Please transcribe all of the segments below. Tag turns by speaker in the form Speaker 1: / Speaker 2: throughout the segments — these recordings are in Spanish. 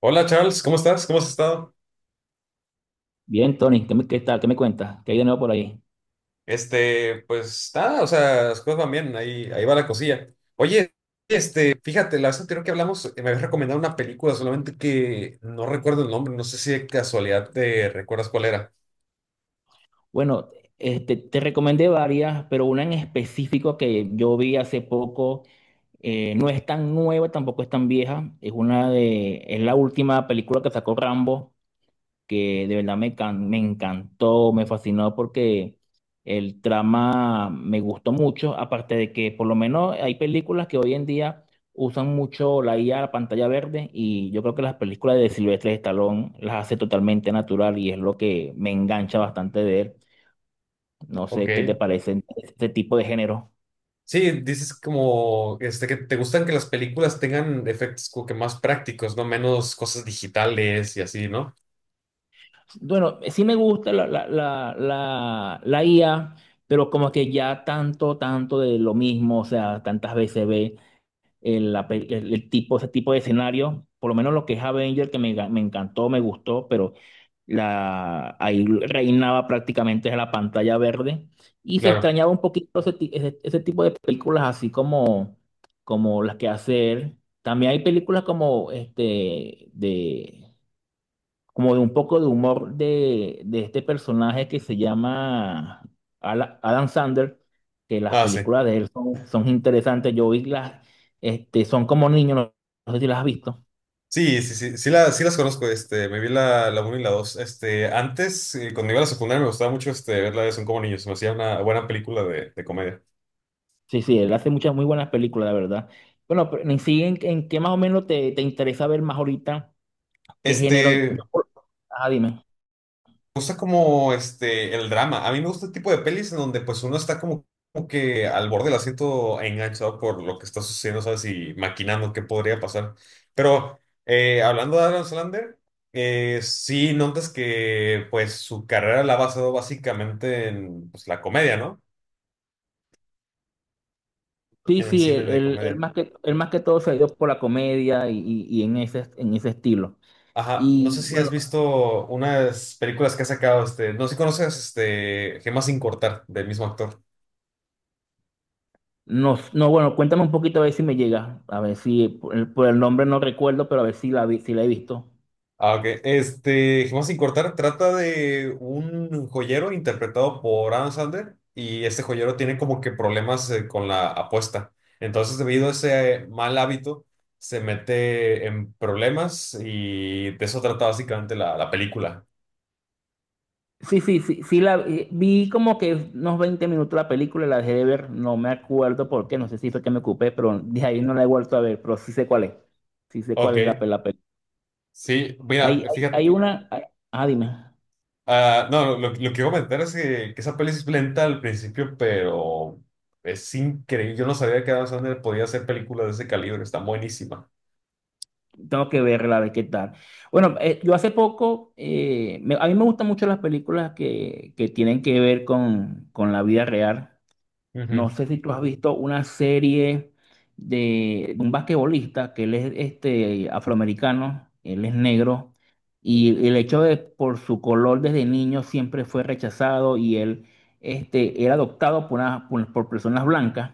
Speaker 1: Hola Charles, ¿cómo estás? ¿Cómo has estado?
Speaker 2: Bien, Tony, ¿ qué tal? ¿Qué me cuentas? ¿Qué hay de nuevo por ahí?
Speaker 1: Pues nada, o sea, las cosas van bien, ahí, ahí va la cosilla. Oye, fíjate, la vez anterior que hablamos me habías recomendado una película, solamente que no recuerdo el nombre, no sé si de casualidad te recuerdas cuál era.
Speaker 2: Bueno, te recomendé varias, pero una en específico que yo vi hace poco. No es tan nueva, tampoco es tan vieja, es es la última película que sacó Rambo, que de verdad me encantó, me fascinó porque el trama me gustó mucho, aparte de que por lo menos hay películas que hoy en día usan mucho la IA, la pantalla verde, y yo creo que las películas de Silvestre Stallone las hace totalmente natural y es lo que me engancha bastante de él. No
Speaker 1: Ok.
Speaker 2: sé qué te parecen este tipo de género.
Speaker 1: Sí, dices como, que te gustan que las películas tengan efectos como que más prácticos, ¿no? Menos cosas digitales y así, ¿no?
Speaker 2: Bueno, sí me gusta la IA, pero como que ya tanto, tanto de lo mismo, o sea, tantas veces ve. El, la pe- el- El tipo, ese tipo de escenario. Por lo menos lo que es Avenger, me encantó, me gustó, pero ahí reinaba prácticamente la pantalla verde. Y se
Speaker 1: Claro.
Speaker 2: extrañaba un poquito ese tipo de películas, así como, como las que hace él. También hay películas como este de como de un poco de humor de este personaje que se llama Adam Sandler, que las
Speaker 1: Ah, sí.
Speaker 2: películas de él son, son interesantes. Yo vi las, Son como niños. No, no sé si las has visto.
Speaker 1: Sí, sí, sí, sí, sí las conozco, me vi la, la uno y la 2. Este, antes, cuando iba a la secundaria, me gustaba mucho verla de Son como niños, me hacía una buena película de comedia.
Speaker 2: Sí, sí, él hace muchas muy buenas películas, la verdad. Bueno, pero en sí, ¿ en qué más o menos te interesa ver más ahorita? ¿Qué género?
Speaker 1: Me
Speaker 2: Ajá, dime.
Speaker 1: gusta como el drama. A mí me gusta el tipo de pelis en donde pues uno está como, como que al borde del asiento enganchado por lo que está sucediendo, ¿sabes? Y maquinando qué podría pasar. Pero hablando de Adam Sandler, sí notas que pues su carrera la ha basado básicamente en pues, la comedia, ¿no?
Speaker 2: Sí,
Speaker 1: En el
Speaker 2: sí,
Speaker 1: cine de comedia.
Speaker 2: él más que todo se ha ido por la comedia y, y en ese estilo.
Speaker 1: Ajá, no sé
Speaker 2: Y
Speaker 1: si has
Speaker 2: bueno,
Speaker 1: visto unas películas que ha sacado, no sé si conoces, Gemas sin cortar, del mismo actor.
Speaker 2: No, bueno, cuéntame un poquito a ver si me llega. A ver si por por el nombre no recuerdo, pero a ver si la vi, si la he visto.
Speaker 1: Ah, ok. Este, Gemas sin cortar trata de un joyero interpretado por Adam Sandler y este joyero tiene como que problemas con la apuesta. Entonces, debido a ese mal hábito, se mete en problemas y de eso trata básicamente la película.
Speaker 2: Sí, sí, sí, sí la vi como que unos 20 minutos la película, la dejé de ver, no me acuerdo por qué, no sé si fue que me ocupé, pero de ahí no la he vuelto a ver, pero sí sé cuál es. Sí sé cuál es
Speaker 1: Ok.
Speaker 2: la película.
Speaker 1: Sí, mira,
Speaker 2: Hay, hay,
Speaker 1: fíjate,
Speaker 2: hay una, hay- ah, dime.
Speaker 1: ah, no, lo que iba a comentar es que esa peli sí es lenta al principio, pero es increíble. Yo no sabía que Adam Sandler podía hacer películas de ese calibre, está buenísima.
Speaker 2: Tengo que verla, a ver qué tal. Bueno, yo hace poco, a mí me gustan mucho las películas que tienen que ver con la vida real.
Speaker 1: Ujú,
Speaker 2: No sé si tú has visto una serie de un basquetbolista que él es este, afroamericano, él es negro, y el hecho de por su color desde niño siempre fue rechazado y él era adoptado por personas blancas.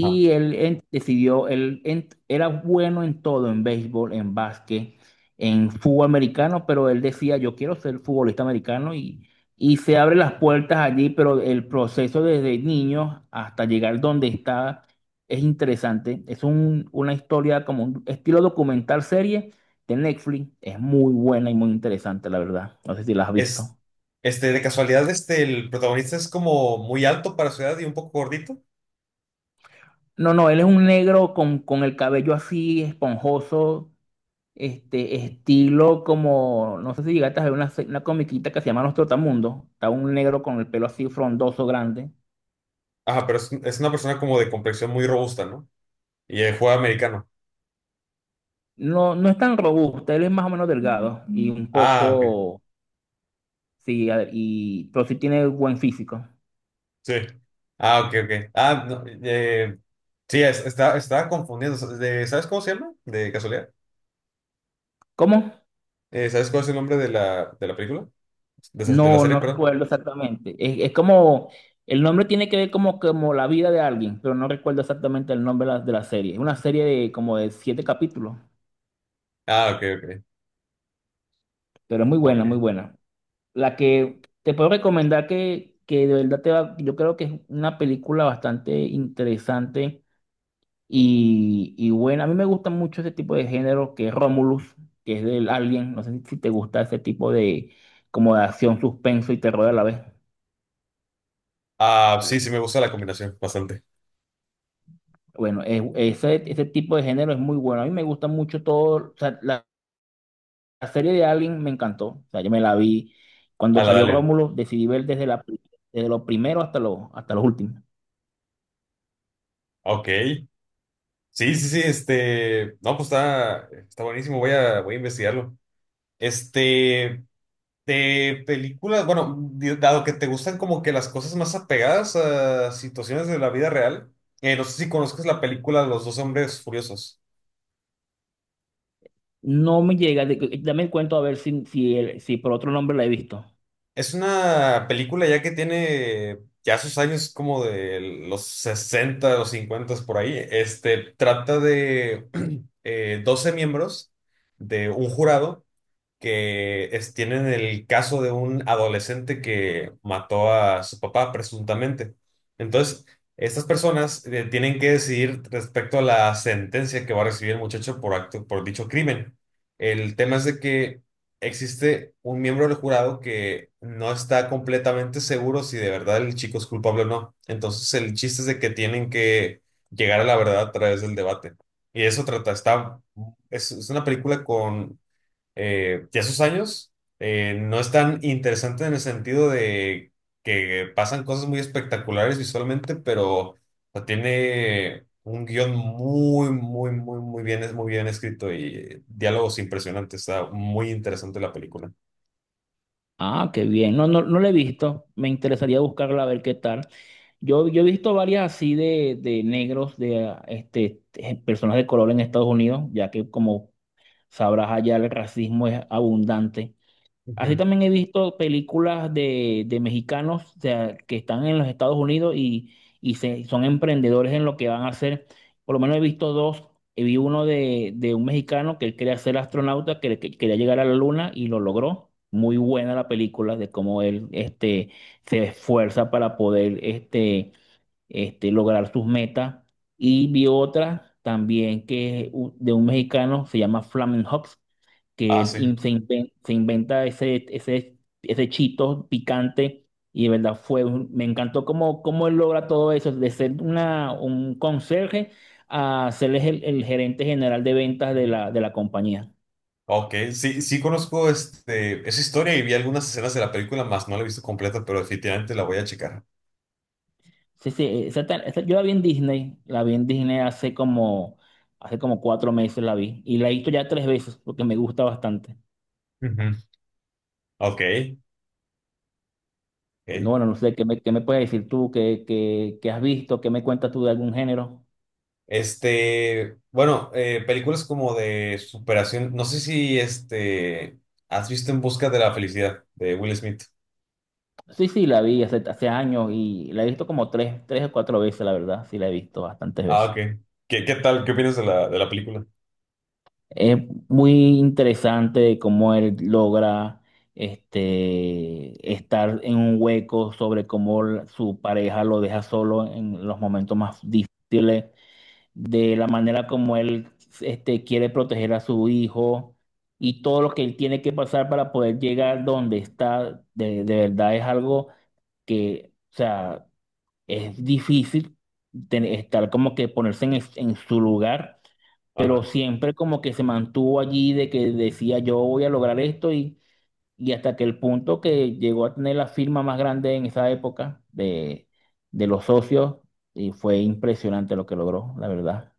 Speaker 1: ajá.
Speaker 2: decidió, era bueno en todo, en béisbol, en básquet, en fútbol americano, pero él decía, yo quiero ser futbolista americano y se abre las puertas allí, pero el proceso desde niño hasta llegar donde está es interesante. Es una historia como un estilo documental serie de Netflix. Es muy buena y muy interesante, la verdad. No sé si la has
Speaker 1: Es,
Speaker 2: visto.
Speaker 1: de casualidad, el protagonista es como muy alto para su edad y un poco gordito.
Speaker 2: No, no, él es un negro con el cabello así esponjoso. Este estilo como, no sé si llegaste a ver una comiquita que se llama Los Trotamundos. Está un negro con el pelo así frondoso, grande.
Speaker 1: Ajá, pero es una persona como de complexión muy robusta, ¿no? Y juega americano.
Speaker 2: No, no es tan robusto, él es más o menos delgado y un
Speaker 1: Ah, ok.
Speaker 2: poco, sí, pero sí tiene buen físico.
Speaker 1: Sí. Ah, ok, ok. Ah, no, sí, está, estaba confundiendo. ¿Sabes cómo se llama? De casualidad.
Speaker 2: ¿Cómo?
Speaker 1: ¿Sabes cuál es el nombre de de la película? ¿De, de la
Speaker 2: No,
Speaker 1: serie,
Speaker 2: no
Speaker 1: perdón?
Speaker 2: recuerdo exactamente. Es como, el nombre tiene que ver como, como la vida de alguien, pero no recuerdo exactamente el nombre de la serie. Es una serie de como de 7 capítulos,
Speaker 1: Ah, ok, ok.
Speaker 2: pero es muy
Speaker 1: Ok.
Speaker 2: buena, muy buena. La que te puedo recomendar que de verdad te va, yo creo que es una película bastante interesante y buena. A mí me gusta mucho ese tipo de género que es Romulus, que es del Alien. No sé si, si te gusta ese tipo de como de acción, suspenso y terror a la vez.
Speaker 1: Ah, sí, sí me gusta la combinación, bastante.
Speaker 2: Bueno, ese, ese tipo de género es muy bueno. A mí me gusta mucho todo. O sea, la serie de Alien me encantó. O sea, yo me la vi
Speaker 1: A
Speaker 2: cuando
Speaker 1: la
Speaker 2: salió
Speaker 1: Dalian.
Speaker 2: Romulus, decidí ver desde desde lo primero hasta lo, hasta los últimos.
Speaker 1: Ok. Sí, sí, sí, este. No, pues está, está buenísimo, voy a, voy a investigarlo. Este. De películas, bueno, dado que te gustan como que las cosas más apegadas a situaciones de la vida real, no sé si conozcas la película Los dos hombres furiosos.
Speaker 2: No me llega, dame el cuento a ver si, si, si por otro nombre la he visto.
Speaker 1: Es una película ya que tiene ya sus años como de los 60 o 50 por ahí. Este trata de 12 miembros de un jurado que tienen el caso de un adolescente que mató a su papá presuntamente. Entonces, estas personas tienen que decidir respecto a la sentencia que va a recibir el muchacho por acto, por dicho crimen. El tema es de que existe un miembro del jurado que no está completamente seguro si de verdad el chico es culpable o no. Entonces, el chiste es de que tienen que llegar a la verdad a través del debate. Y eso trata, está, es una película con ya sus años no es tan interesante en el sentido de que pasan cosas muy espectaculares visualmente, pero o sea, tiene un guión muy, muy, muy, muy bien escrito y diálogos impresionantes. Está muy interesante la película.
Speaker 2: Ah, qué bien. No, no, no la he visto. Me interesaría buscarla a ver qué tal. Yo he visto varias así de negros, personas de color en Estados Unidos, ya que como sabrás allá el racismo es abundante. Así
Speaker 1: Ujú.
Speaker 2: también he visto películas de mexicanos, o sea, que están en los Estados Unidos y, son emprendedores en lo que van a hacer. Por lo menos he visto dos. Vi uno de un mexicano que él quería ser astronauta, que quería llegar a la luna y lo logró. Muy buena la película de cómo él este, se esfuerza para poder este, este, lograr sus metas. Y vi otra también que es de un mexicano, se llama Flamen Hops, que
Speaker 1: Ah,
Speaker 2: él
Speaker 1: sí.
Speaker 2: in- se, inven- se inventa ese, ese, ese chito picante y de verdad fue, me encantó cómo, cómo él logra todo eso, de ser un conserje a ser el gerente general de ventas de la compañía.
Speaker 1: Ok, sí, sí conozco esa historia y vi algunas escenas de la película, más no la he visto completa, pero definitivamente la voy a checar.
Speaker 2: Sí, sí, yo la vi en Disney, la vi en Disney hace como 4 meses la vi y la he visto ya tres veces porque me gusta bastante.
Speaker 1: Ujú. Ok,
Speaker 2: No,
Speaker 1: ok.
Speaker 2: bueno, no sé, qué me puedes decir tú? ¿Qué, qué has visto? ¿Qué me cuentas tú de algún género?
Speaker 1: Este, bueno, películas como de superación. No sé si este has visto En Busca de la Felicidad de Will Smith.
Speaker 2: Sí, sí, la vi hace, hace años y la he visto como tres, tres o cuatro veces, la verdad. Sí, la he visto bastantes
Speaker 1: Ah, ok.
Speaker 2: veces.
Speaker 1: ¿Qué, qué tal? ¿Qué opinas de de la película?
Speaker 2: Es muy interesante cómo él logra este, estar en un hueco sobre cómo su pareja lo deja solo en los momentos más difíciles de la manera como él este, quiere proteger a su hijo y todo lo que él tiene que pasar para poder llegar donde está, de verdad es algo que, o sea, es difícil estar como que ponerse en, en su lugar, pero
Speaker 1: Ajá.
Speaker 2: siempre como que se mantuvo allí de que decía yo voy a lograr esto y hasta que el punto que llegó a tener la firma más grande en esa época de los socios y fue impresionante lo que logró, la verdad.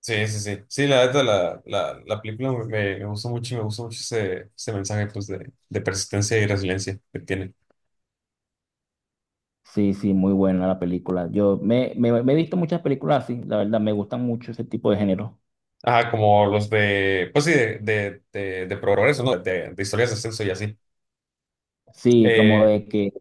Speaker 1: Sí, sí, sí. Sí, la neta, la película me, me gustó mucho y me gustó mucho ese, ese mensaje pues, de persistencia y resiliencia que tiene.
Speaker 2: Sí, sí, muy buena la película. Yo me, me, me he visto muchas películas así, la verdad, me gustan mucho ese tipo de género.
Speaker 1: Ajá, como los de, pues sí, de progreso, ¿no? De historias de ascenso y así.
Speaker 2: Sí, como
Speaker 1: Eh,
Speaker 2: de que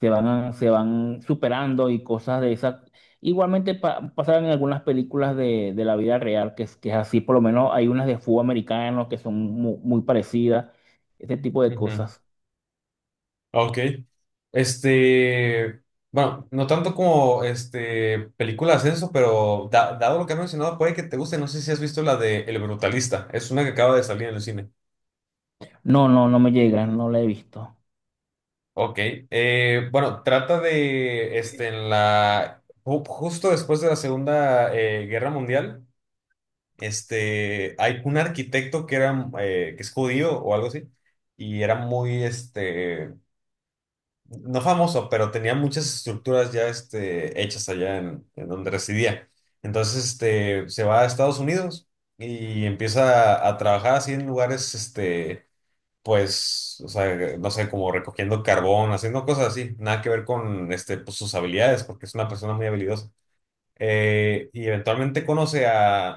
Speaker 2: se van, se van superando y cosas de esas. Igualmente pasaron en algunas películas de la vida real, que es así, por lo menos hay unas de fútbol americano que son muy parecidas, ese tipo de
Speaker 1: ujú.
Speaker 2: cosas.
Speaker 1: Ah, ok. Este, bueno, no tanto como este películas eso, pero dado lo que has mencionado, puede que te guste. No sé si has visto la de El Brutalista. Es una que acaba de salir en el cine.
Speaker 2: No, no, no me llegan, no la he visto.
Speaker 1: Ok. Eh, bueno, trata de este en la justo después de la Segunda Guerra Mundial. Este, hay un arquitecto que era que es judío o algo así. Y era muy este no famoso, pero tenía muchas estructuras ya este, hechas allá en donde residía. Entonces este, se va a Estados Unidos y empieza a trabajar así en lugares, este, pues, o sea, no sé, como recogiendo carbón, haciendo cosas así, nada que ver con este, pues, sus habilidades, porque es una persona muy habilidosa. Y eventualmente conoce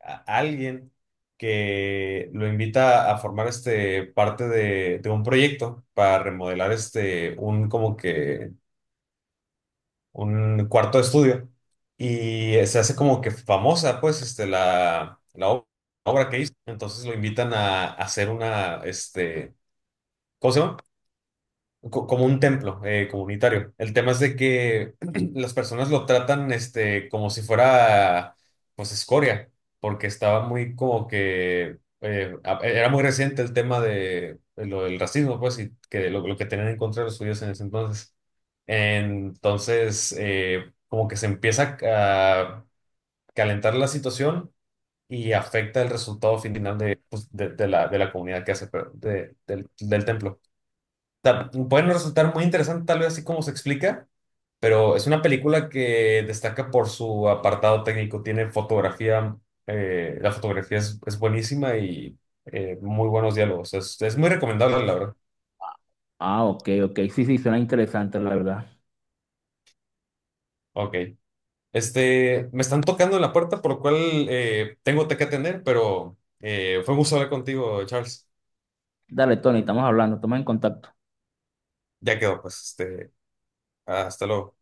Speaker 1: a alguien que lo invita a formar este parte de un proyecto para remodelar este un como que un cuarto de estudio y se hace como que famosa pues este la obra que hizo entonces lo invitan a hacer una este ¿cómo se llama? Como un templo comunitario. El tema es de que las personas lo tratan este, como si fuera, pues, escoria, porque estaba muy como que, era muy reciente el tema de lo del racismo, pues, y que lo que tenían en contra de los judíos en ese entonces. Entonces, como que se empieza a calentar la situación y afecta el resultado final de, pues, de, de la comunidad que hace, pero del del templo sea, pueden resultar muy interesante tal vez así como se explica, pero es una película que destaca por su apartado técnico. Tiene fotografía, la fotografía es buenísima y muy buenos diálogos. Es muy recomendable, la verdad.
Speaker 2: Ah, ok, ok, sí, sí, suena interesante, la verdad.
Speaker 1: Ok. Este, me están tocando en la puerta, por lo cual tengo que atender, pero fue un gusto hablar contigo, Charles.
Speaker 2: Dale, Tony, estamos hablando, estamos en contacto.
Speaker 1: Ya quedó, pues, este, hasta luego.